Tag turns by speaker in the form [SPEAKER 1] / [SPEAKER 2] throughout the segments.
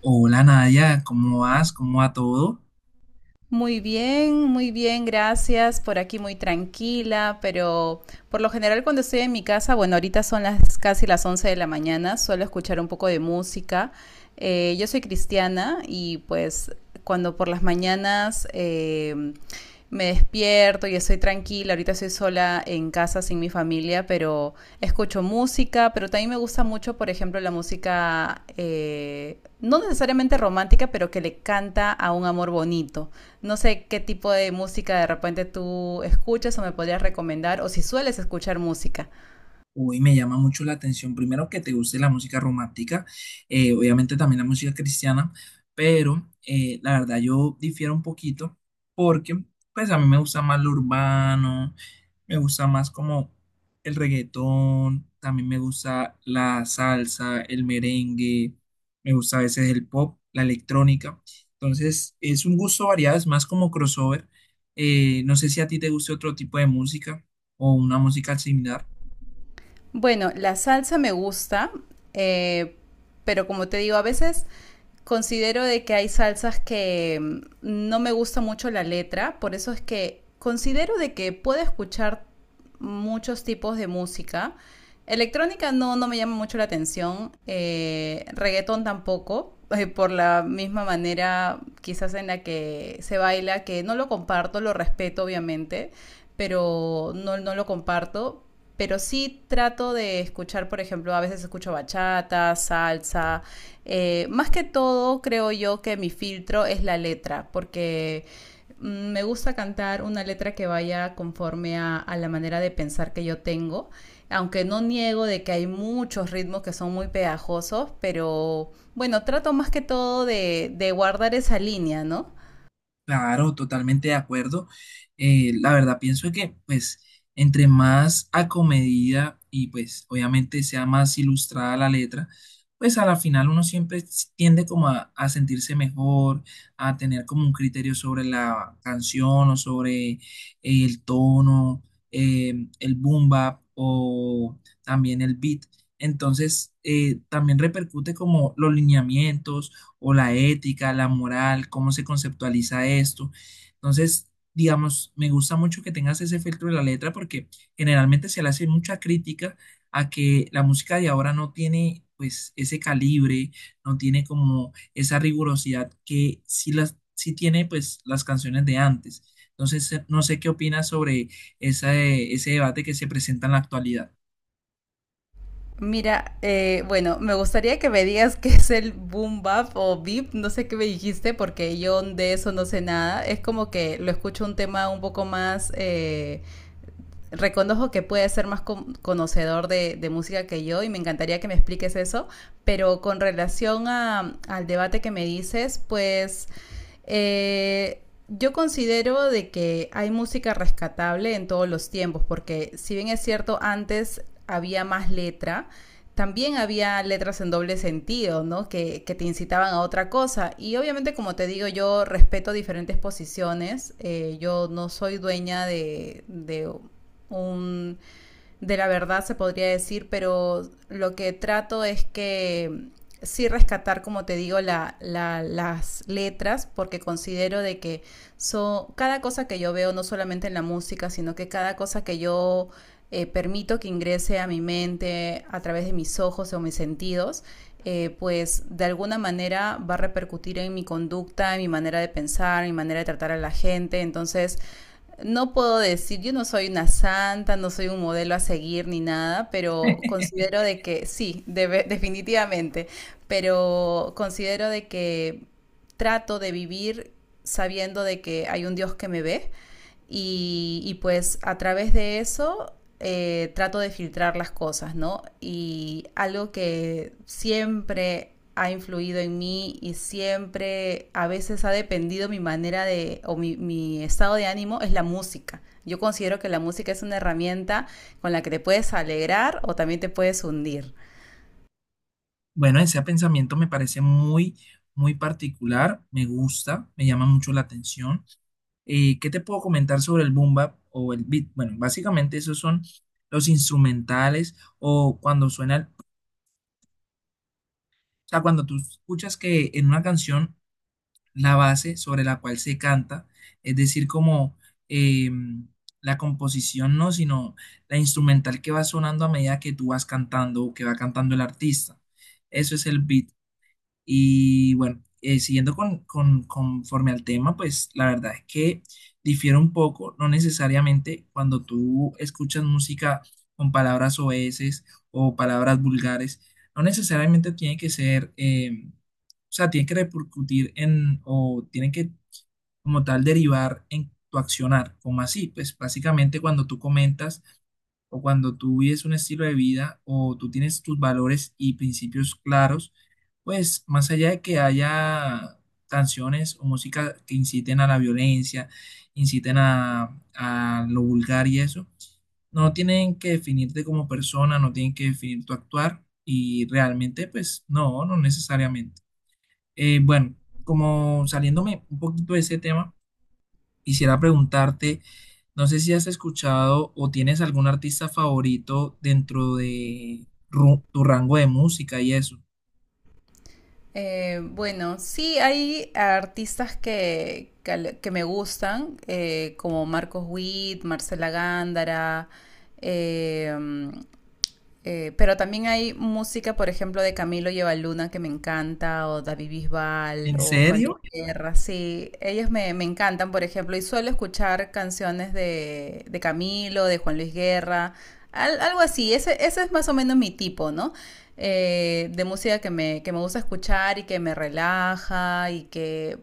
[SPEAKER 1] Hola Nadia, ¿cómo vas? ¿Cómo va todo?
[SPEAKER 2] Muy bien, gracias. Por aquí muy tranquila, pero por lo general cuando estoy en mi casa, bueno, ahorita son las casi las 11 de la mañana, suelo escuchar un poco de música. Yo soy cristiana y pues cuando por las mañanas me despierto y estoy tranquila. Ahorita estoy sola en casa sin mi familia, pero escucho música, pero también me gusta mucho, por ejemplo, la música no necesariamente romántica, pero que le canta a un amor bonito. No sé qué tipo de música de repente tú escuchas o me podrías recomendar, o si sueles escuchar música.
[SPEAKER 1] Uy, me llama mucho la atención. Primero que te guste la música romántica, obviamente también la música cristiana, pero la verdad yo difiero un poquito porque pues a mí me gusta más lo urbano, me gusta más como el reggaetón, también me gusta la salsa, el merengue, me gusta a veces el pop, la electrónica. Entonces es un gusto variado, es más como crossover. No sé si a ti te guste otro tipo de música o una música similar.
[SPEAKER 2] Bueno, la salsa me gusta, eh, pero como te digo, a veces considero de que hay salsas que no me gusta mucho la letra, por eso es que considero de que puedo escuchar muchos tipos de música. Electrónica no, no me llama mucho la atención, reggaetón tampoco, por la misma manera quizás en la que se baila, que no lo comparto, lo respeto obviamente, pero no, no lo comparto. Pero sí trato de escuchar, por ejemplo, a veces escucho bachata, salsa. Más que todo, creo yo que mi filtro es la letra, porque me gusta cantar una letra que vaya conforme a la manera de pensar que yo tengo. Aunque no niego de que hay muchos ritmos que son muy pegajosos, pero bueno, trato más que todo de guardar esa línea, ¿no?
[SPEAKER 1] Claro, totalmente de acuerdo. La verdad, pienso que, pues, entre más acomedida y, pues, obviamente sea más ilustrada la letra, pues, a la final uno siempre tiende como a sentirse mejor, a tener como un criterio sobre la canción o sobre el tono, eh, el boom bap o también el beat. Entonces, también repercute como los lineamientos o la ética, la moral, cómo se conceptualiza esto. Entonces, digamos, me gusta mucho que tengas ese filtro de la letra porque generalmente se le hace mucha crítica a que la música de ahora no tiene pues ese calibre, no tiene como esa rigurosidad que sí las sí tiene pues las canciones de antes. Entonces, no sé qué opinas sobre ese debate que se presenta en la actualidad.
[SPEAKER 2] Mira, bueno, me gustaría que me digas qué es el boom bap o beep, no sé qué me dijiste porque yo de eso no sé nada. Es como que lo escucho un tema un poco más reconozco que puedes ser más conocedor de música que yo y me encantaría que me expliques eso, pero con relación al debate que me dices, pues eh, yo considero de que hay música rescatable en todos los tiempos, porque si bien es cierto, antes había más letra, también había letras en doble sentido, ¿no? Que te incitaban a otra cosa. Y obviamente, como te digo, yo respeto diferentes posiciones. Yo no soy dueña de un de la verdad se podría decir, pero lo que trato es que sí rescatar, como te digo, las letras, porque considero de que cada cosa que yo veo, no solamente en la música, sino que cada cosa que yo permito que ingrese a mi mente a través de mis ojos o mis sentidos, pues de alguna manera va a repercutir en mi conducta, en mi manera de pensar, en mi manera de tratar a la gente. Entonces, no puedo decir, yo no soy una santa, no soy un modelo a seguir ni nada, pero considero de que sí, definitivamente, pero considero de que trato de vivir sabiendo de que hay un Dios que me ve y pues a través de eso trato de filtrar las cosas, ¿no? Y algo que siempre ha influido en mí y siempre a veces ha dependido mi manera de o mi, estado de ánimo es la música. Yo considero que la música es una herramienta con la que te puedes alegrar o también te puedes hundir.
[SPEAKER 1] Bueno, ese pensamiento me parece muy, muy particular, me gusta, me llama mucho la atención. ¿Qué te puedo comentar sobre el boom bap o el beat? Bueno, básicamente esos son los instrumentales o cuando suena, o sea, cuando tú escuchas que en una canción la base sobre la cual se canta, es decir, como eh, la composición, no, sino la instrumental que va sonando a medida que tú vas cantando o que va cantando el artista. Eso es el beat. Y bueno, siguiendo con, conforme al tema, pues la verdad es que difiere un poco, no necesariamente cuando tú escuchas música con palabras oeses o palabras vulgares, no necesariamente tiene que ser, o sea, tiene que repercutir en, o tiene que como tal derivar en tu accionar, como así, pues básicamente cuando tú comentas o cuando tú vives un estilo de vida o tú tienes tus valores y principios claros, pues más allá de que haya canciones o música que inciten a la violencia, inciten a lo vulgar y eso, no tienen que definirte como persona, no tienen que definir tu actuar y realmente pues no, no necesariamente. Eh, bueno, como saliéndome un poquito de ese tema. Quisiera preguntarte, no sé si has escuchado o tienes algún artista favorito dentro de tu rango de música y eso.
[SPEAKER 2] Bueno, sí, hay artistas que me gustan, como Marcos Witt, Marcela Gándara, eh, pero también hay música, por ejemplo, de Camilo Llevaluna que me encanta, o David Bisbal,
[SPEAKER 1] ¿En
[SPEAKER 2] o Juan Luis
[SPEAKER 1] serio?
[SPEAKER 2] Guerra, sí, ellos me encantan, por ejemplo, y suelo escuchar canciones de Camilo, de Juan Luis Guerra, algo así, ese es más o menos mi tipo, ¿no? De música que que me gusta escuchar y que me relaja y que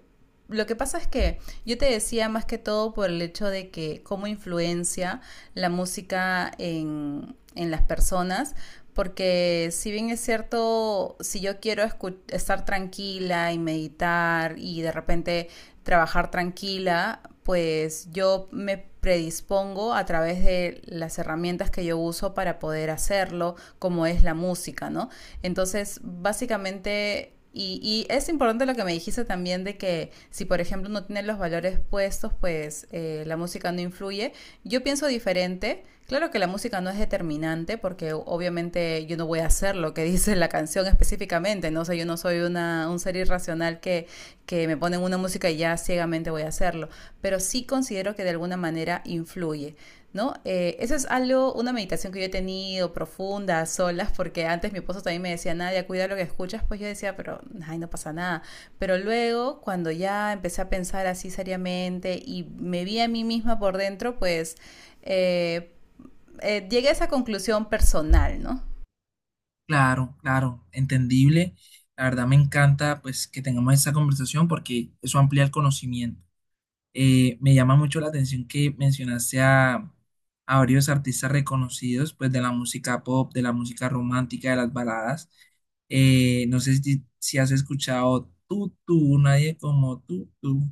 [SPEAKER 2] lo que pasa es que yo te decía más que todo por el hecho de que cómo influencia la música en las personas, porque si bien es cierto, si yo quiero estar tranquila y meditar y de repente trabajar tranquila, pues yo me predispongo a través de las herramientas que yo uso para poder hacerlo, como es la música, ¿no? Entonces, básicamente y es importante lo que me dijiste también de que si, por ejemplo, no tienen los valores puestos, pues la música no influye. Yo pienso diferente. Claro que la música no es determinante porque obviamente yo no voy a hacer lo que dice la canción específicamente, ¿no? O sea, yo no soy una, un ser irracional que me ponen una música y ya ciegamente voy a hacerlo. Pero sí considero que de alguna manera influye, ¿no? Eso es algo, una meditación que yo he tenido profunda, a solas, porque antes mi esposo también me decía, Nadia, cuida lo que escuchas, pues yo decía, pero, ay, no pasa nada. Pero luego, cuando ya empecé a pensar así seriamente y me vi a mí misma por dentro, pues eh, llegué a esa conclusión personal, ¿no?
[SPEAKER 1] Claro, claro, entendible. La verdad me encanta pues que tengamos esta conversación porque eso amplía el conocimiento. Me llama mucho la atención que mencionaste a varios artistas reconocidos, pues de la música pop, de la música romántica, de las baladas. No sé si, si has escuchado Tú, Tú, Nadie como Tú, Tú.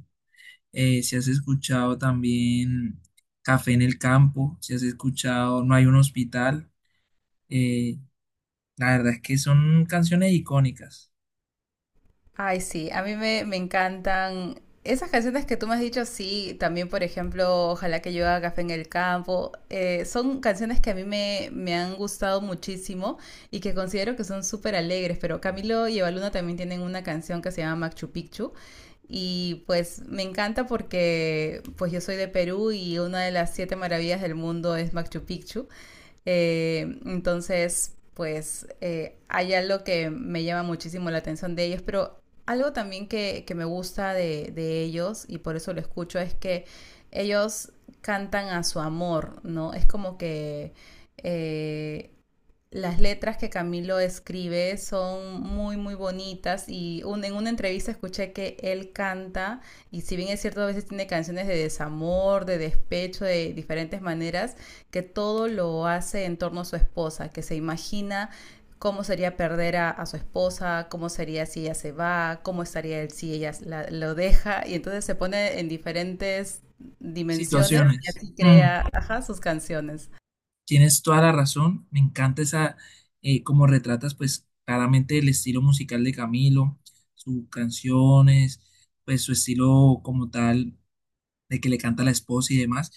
[SPEAKER 1] Si has escuchado también Café en el Campo, si has escuchado No hay un hospital. Eh, la verdad es que son canciones icónicas.
[SPEAKER 2] Ay, sí, a mí me encantan esas canciones que tú me has dicho, sí, también por ejemplo, Ojalá que yo haga café en el campo, son canciones que a mí me han gustado muchísimo y que considero que son súper alegres, pero Camilo y Evaluna también tienen una canción que se llama Machu Picchu y pues me encanta porque pues yo soy de Perú y una de las siete maravillas del mundo es Machu Picchu. Entonces, pues hay algo que me llama muchísimo la atención de ellos, pero algo también que me gusta de ellos, y por eso lo escucho, es que ellos cantan a su amor, ¿no? Es como que eh, las letras que Camilo escribe son muy, muy bonitas y en una entrevista escuché que él canta y si bien es cierto, a veces tiene canciones de desamor, de despecho, de diferentes maneras, que todo lo hace en torno a su esposa, que se imagina cómo sería perder a su esposa, cómo sería si ella se va, cómo estaría él si ella lo deja y entonces se pone en diferentes
[SPEAKER 1] Sí,
[SPEAKER 2] dimensiones y
[SPEAKER 1] situaciones.
[SPEAKER 2] así
[SPEAKER 1] Mm.
[SPEAKER 2] crea, ajá, sus canciones.
[SPEAKER 1] Tienes toda la razón, me encanta esa, cómo retratas pues claramente el estilo musical de Camilo, sus canciones, pues su estilo como tal de que le canta a la esposa y demás.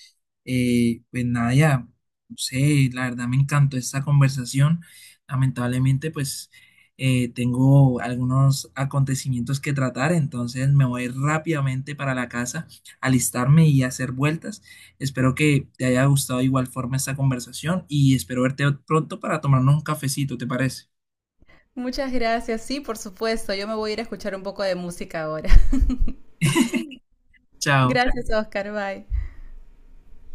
[SPEAKER 1] Pues nada, ya no sé, la verdad me encantó esta conversación. Lamentablemente, pues tengo algunos acontecimientos que tratar, entonces me voy rápidamente para la casa, alistarme y hacer vueltas. Espero que te haya gustado de igual forma esta conversación y espero verte pronto para tomarnos un cafecito, ¿te parece?
[SPEAKER 2] Muchas gracias. Sí, por supuesto. Yo me voy a ir a escuchar un poco de música ahora.
[SPEAKER 1] Chao.
[SPEAKER 2] Gracias, Oscar. Bye.